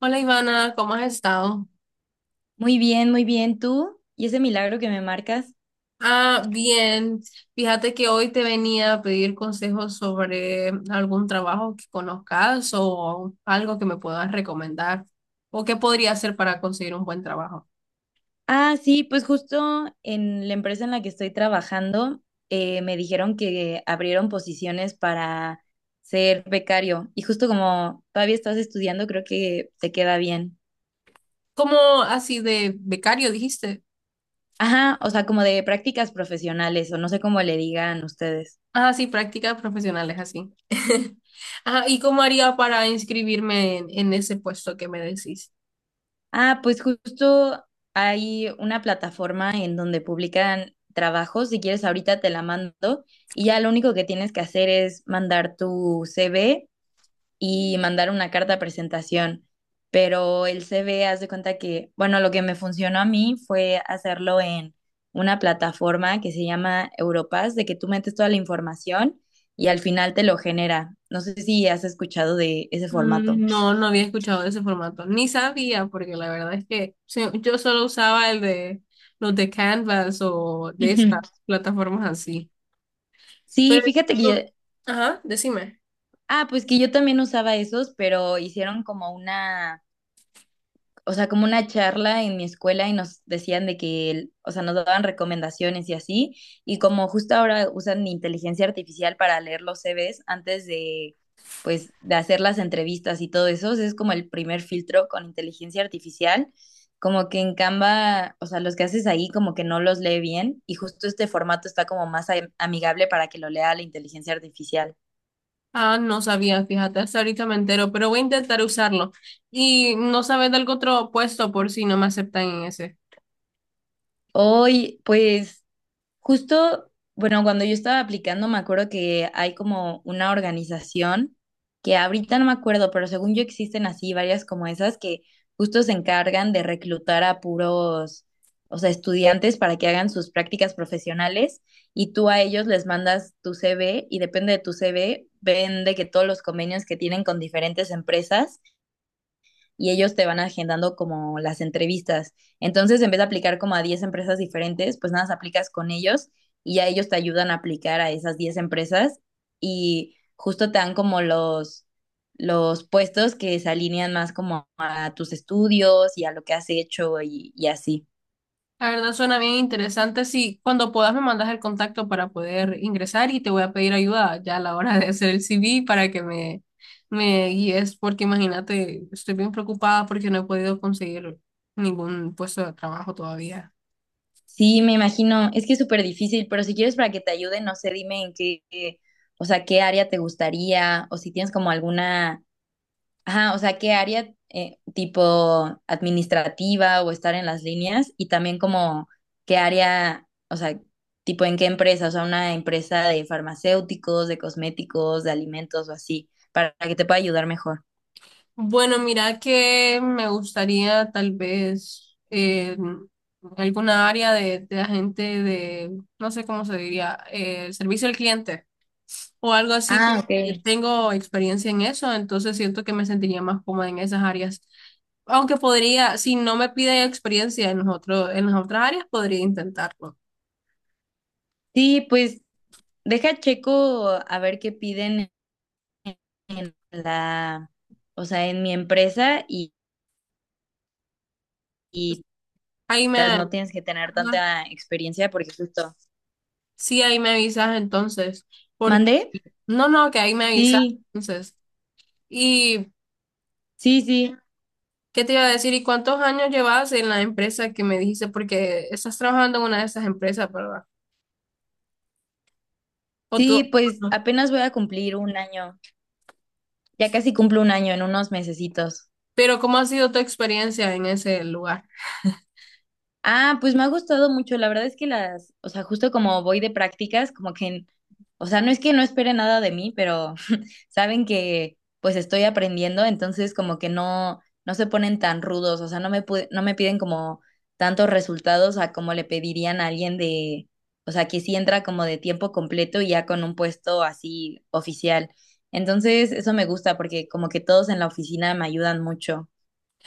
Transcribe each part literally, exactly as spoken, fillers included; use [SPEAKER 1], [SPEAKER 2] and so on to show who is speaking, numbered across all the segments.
[SPEAKER 1] Hola Ivana, ¿cómo has estado?
[SPEAKER 2] Muy bien, muy bien. ¿Tú? ¿Y ese milagro que me marcas?
[SPEAKER 1] Ah, bien. Fíjate que hoy te venía a pedir consejos sobre algún trabajo que conozcas o algo que me puedas recomendar o qué podría hacer para conseguir un buen trabajo.
[SPEAKER 2] Ah, sí, pues justo en la empresa en la que estoy trabajando, eh, me dijeron que abrieron posiciones para ser becario. Y justo como todavía estás estudiando, creo que te queda bien.
[SPEAKER 1] ¿Como así de becario dijiste?
[SPEAKER 2] Ajá, o sea, como de prácticas profesionales, o no sé cómo le digan ustedes.
[SPEAKER 1] Ah, sí, prácticas profesionales así. Ajá, ¿y cómo haría para inscribirme en, en ese puesto que me decís?
[SPEAKER 2] Ah, pues justo hay una plataforma en donde publican trabajos. Si quieres, ahorita te la mando y ya lo único que tienes que hacer es mandar tu C V y mandar una carta de presentación. Pero el C V, haz de cuenta que, bueno, lo que me funcionó a mí fue hacerlo en una plataforma que se llama Europass, de que tú metes toda la información y al final te lo genera. No sé si has escuchado de ese formato.
[SPEAKER 1] Mm, No, no había escuchado de ese formato, ni sabía, porque la verdad es que sí, yo solo usaba el de los de Canvas o de estas plataformas así.
[SPEAKER 2] Sí,
[SPEAKER 1] Pero,
[SPEAKER 2] fíjate que yo.
[SPEAKER 1] esto- ajá, decime.
[SPEAKER 2] Ah, pues que yo también usaba esos, pero hicieron como una, o sea, como una charla en mi escuela y nos decían de que, el- o sea, nos daban recomendaciones y así, y como justo ahora usan inteligencia artificial para leer los C Vs antes de, pues, de hacer las entrevistas y todo eso, o es como el primer filtro con inteligencia artificial, como que en Canva, o sea, los que haces ahí como que no los lee bien, y justo este formato está como más am- amigable para que lo lea la inteligencia artificial.
[SPEAKER 1] Ah, no sabía, fíjate, hasta ahorita me entero, pero voy a intentar usarlo. ¿Y no sabes de algún otro puesto por si no me aceptan en ese?
[SPEAKER 2] Hoy, pues. Justo, bueno, cuando yo estaba aplicando, me acuerdo que hay como una organización que ahorita no me acuerdo, pero según yo existen así varias como esas que justo se encargan de reclutar a puros, o sea, estudiantes para que hagan sus prácticas profesionales y tú a ellos les mandas tu C V y depende de tu C V, ven de que todos los convenios que tienen con diferentes empresas y ellos te van agendando como las entrevistas. Entonces, en vez de aplicar como a diez empresas diferentes, pues nada, más aplicas con ellos y ya ellos te ayudan a aplicar a esas diez empresas y justo te dan como los, los puestos que se alinean más como a tus estudios y a lo que has hecho y, y así.
[SPEAKER 1] La verdad suena bien interesante. Sí, cuando puedas me mandas el contacto para poder ingresar y te voy a pedir ayuda ya a la hora de hacer el C V para que me, me guíes, porque imagínate, estoy bien preocupada porque no he podido conseguir ningún puesto de trabajo todavía.
[SPEAKER 2] Sí, me imagino, es que es súper difícil, pero si quieres para que te ayude, no sé, dime en qué, qué, o sea, qué área te gustaría o si tienes como alguna. Ajá, o sea, ¿qué área eh, tipo administrativa o estar en las líneas? Y también como qué área, o sea, tipo en qué empresa, o sea, una empresa de farmacéuticos, de cosméticos, de alimentos o así, para que te pueda ayudar mejor.
[SPEAKER 1] Bueno, mira que me gustaría tal vez eh, alguna área de, de agente de, no sé cómo se diría, eh, servicio al cliente, o algo así,
[SPEAKER 2] Ah, ok.
[SPEAKER 1] porque tengo experiencia en eso, entonces siento que me sentiría más cómoda en esas áreas. Aunque podría, si no me pide experiencia en los otro- en las otras áreas, podría intentarlo.
[SPEAKER 2] Sí, pues deja checo a ver qué piden en la, o sea, en mi empresa y, y
[SPEAKER 1] Ahí me,
[SPEAKER 2] tas- no tienes que tener
[SPEAKER 1] ajá,
[SPEAKER 2] tanta experiencia porque justo.
[SPEAKER 1] sí, ahí me avisas entonces, porque,
[SPEAKER 2] ¿Mandé?
[SPEAKER 1] no, no, que ahí me avisas
[SPEAKER 2] Sí,
[SPEAKER 1] entonces. ¿Y
[SPEAKER 2] sí, sí.
[SPEAKER 1] qué te iba a decir? ¿Y cuántos años llevas en la empresa que me dijiste? Porque estás trabajando en una de esas empresas, ¿verdad? O tú,
[SPEAKER 2] Sí, pues
[SPEAKER 1] ajá,
[SPEAKER 2] apenas voy a cumplir un año. Ya casi cumplo un año en unos mesecitos.
[SPEAKER 1] pero ¿cómo ha sido tu experiencia en ese lugar?
[SPEAKER 2] Ah, pues me ha gustado mucho. La verdad es que las, o sea, justo como voy de prácticas, como que, o sea, no es que no espere nada de mí, pero saben que pues estoy aprendiendo, entonces como que no, no se ponen tan rudos, o sea, no me, pu- no me piden como tantos resultados a como le pedirían a alguien de, o sea, que sí entra como de tiempo completo y ya con un puesto así oficial. Entonces, eso me gusta porque como que todos en la oficina me ayudan mucho.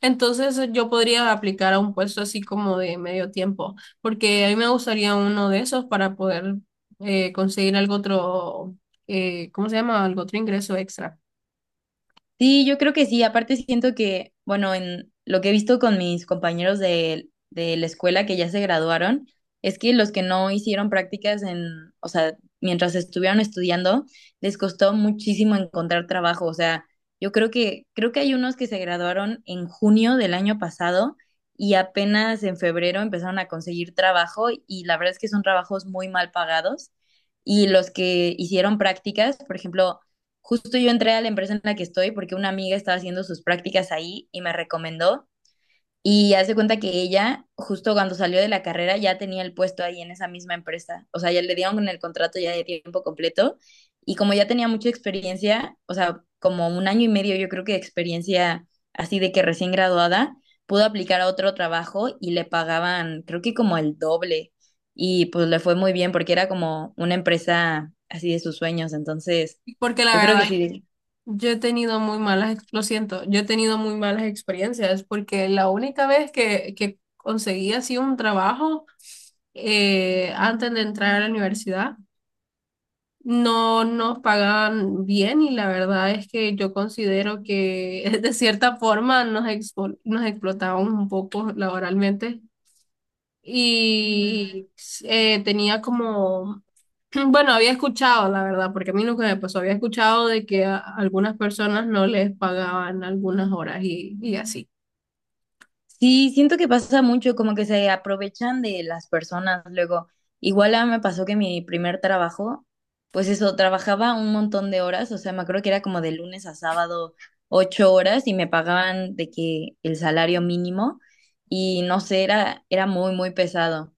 [SPEAKER 1] Entonces yo podría aplicar a un puesto así como de medio tiempo, porque a mí me gustaría uno de esos para poder eh, conseguir algo otro, eh, ¿cómo se llama? Algo otro ingreso extra.
[SPEAKER 2] Sí, yo creo que sí. Aparte siento que, bueno, en lo que he visto con mis compañeros de, de la escuela que ya se graduaron, es que los que no hicieron prácticas en, o sea, mientras estuvieron estudiando, les costó muchísimo encontrar trabajo. O sea, yo creo que, creo que hay unos que se graduaron en junio del año pasado y apenas en febrero empezaron a conseguir trabajo y la verdad es que son trabajos muy mal pagados. Y los que hicieron prácticas, por ejemplo. Justo yo entré a la empresa en la que estoy porque una amiga estaba haciendo sus prácticas ahí y me recomendó. Y hace cuenta que ella, justo cuando salió de la carrera, ya tenía el puesto ahí en esa misma empresa. O sea, ya le dieron el contrato ya de tiempo completo. Y como ya tenía mucha experiencia, o sea, como un año y medio yo creo que de experiencia así de que recién graduada, pudo aplicar a otro trabajo y le pagaban creo que como el doble. Y pues le fue muy bien porque era como una empresa así de sus sueños. Entonces,
[SPEAKER 1] Porque la
[SPEAKER 2] yo creo
[SPEAKER 1] verdad,
[SPEAKER 2] que sí.
[SPEAKER 1] yo he tenido muy malas, ex- lo siento, yo he tenido muy malas experiencias, porque la única vez que, que conseguí así un trabajo eh, antes de entrar a la universidad, no nos pagan bien y la verdad es que yo considero que de cierta forma nos, expo- nos explotaban un poco laboralmente y eh, tenía como, bueno, había escuchado la verdad, porque a mí nunca me pasó, había escuchado de que a algunas personas no les pagaban algunas horas y, y así.
[SPEAKER 2] Sí, siento que pasa mucho, como que se aprovechan de las personas luego. Igual a mí me pasó que mi primer trabajo, pues eso, trabajaba un montón de horas, o sea, me acuerdo que era como de lunes a sábado ocho horas y me pagaban de que el salario mínimo y no sé, era, era muy, muy pesado.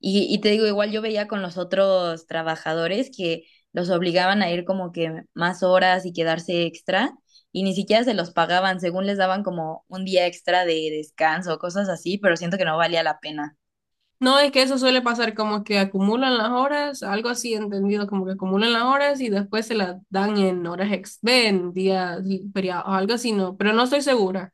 [SPEAKER 2] Y, y te digo, igual yo veía con los otros trabajadores que los obligaban a ir como que más horas y quedarse extra y ni siquiera se los pagaban, según les daban como un día extra de descanso, cosas así, pero siento que no valía la pena.
[SPEAKER 1] No, es que eso suele pasar como que acumulan las horas, algo así entendido, como que acumulan las horas y después se las dan en horas ex, ve, en días y feriados, algo así, no, pero no estoy segura.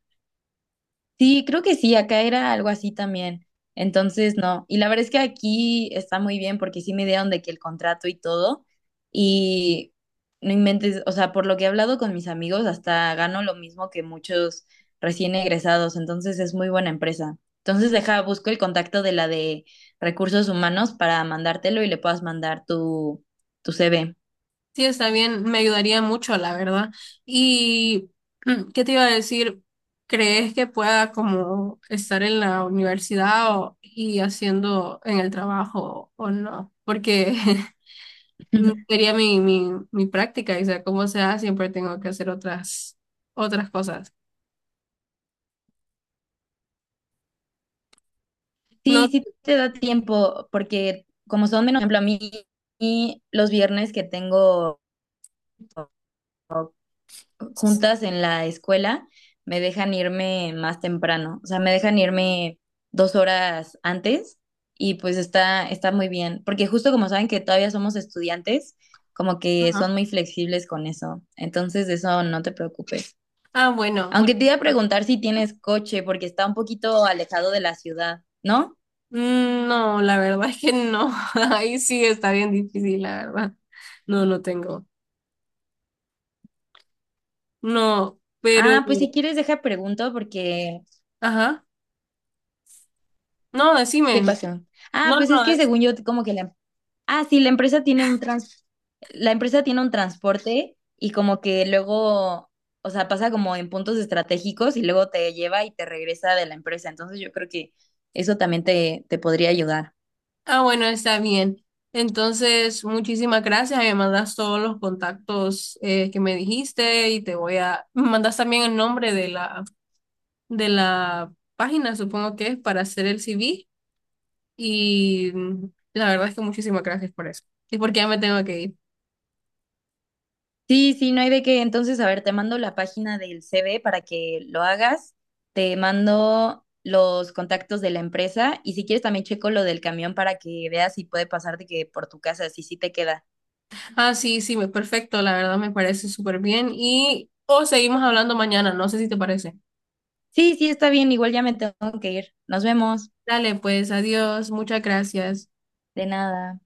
[SPEAKER 2] Sí, creo que sí, acá era algo así también. Entonces, no. Y la verdad es que aquí está muy bien porque sí me dieron de que el contrato y todo. Y no inventes, o sea, por lo que he hablado con mis amigos, hasta gano lo mismo que muchos recién egresados. Entonces, es muy buena empresa. Entonces, deja, busco el contacto de la de recursos humanos para mandártelo y le puedas mandar tu, tu C V.
[SPEAKER 1] Sí, está bien, me ayudaría mucho, la verdad. Y, mm, ¿qué te iba a decir? ¿Crees que pueda como estar en la universidad o- y haciendo en el trabajo o no? Porque mm, sería mi, mi, mi práctica y sea como sea, siempre tengo que hacer otras, otras cosas. No.
[SPEAKER 2] Sí, sí te da tiempo porque como son menos, por ejemplo, a mí y los viernes que tengo juntas en la escuela, me dejan irme más temprano, o sea, me dejan irme dos horas antes y pues está, está muy bien, porque justo como saben que todavía somos estudiantes, como que son
[SPEAKER 1] Ajá.
[SPEAKER 2] muy flexibles con eso, entonces de eso no te preocupes.
[SPEAKER 1] Ah, bueno,
[SPEAKER 2] Aunque
[SPEAKER 1] mucho.
[SPEAKER 2] te iba a preguntar si tienes coche, porque está un poquito alejado de la ciudad, ¿no?
[SPEAKER 1] Mm, No, la verdad es que no. Ahí sí está bien difícil, la verdad. No, no tengo. No, pero,
[SPEAKER 2] Ah, pues si quieres deja pregunto porque.
[SPEAKER 1] ajá. No,
[SPEAKER 2] ¿Qué
[SPEAKER 1] decime.
[SPEAKER 2] pasó? Ah,
[SPEAKER 1] No,
[SPEAKER 2] pues es
[SPEAKER 1] no,
[SPEAKER 2] que
[SPEAKER 1] es-
[SPEAKER 2] según yo como que la Ah, sí, la empresa tiene un trans, la empresa tiene un transporte y como que luego, o sea, pasa como en puntos estratégicos y luego te lleva y te regresa de la empresa. Entonces yo creo que eso también te, te podría ayudar.
[SPEAKER 1] Ah, bueno, está bien. Entonces, muchísimas gracias. Me mandas todos los contactos eh, que me dijiste y te voy a. Me mandas también el nombre de la, de la página, supongo que es, para hacer el C V. Y mm, la verdad es que muchísimas gracias por eso. Y porque ya me tengo que ir.
[SPEAKER 2] Sí, sí, no hay de qué. Entonces, a ver, te mando la página del C V para que lo hagas. Te mando los contactos de la empresa y si quieres también checo lo del camión para que veas si puede pasarte que por tu casa, si sí te queda.
[SPEAKER 1] Ah, sí, sí, me- perfecto, la verdad me parece súper bien. Y o seguimos hablando mañana, no sé si te parece.
[SPEAKER 2] Sí, sí, está bien. Igual ya me tengo que ir. Nos vemos.
[SPEAKER 1] Dale, pues, adiós, muchas gracias.
[SPEAKER 2] De nada.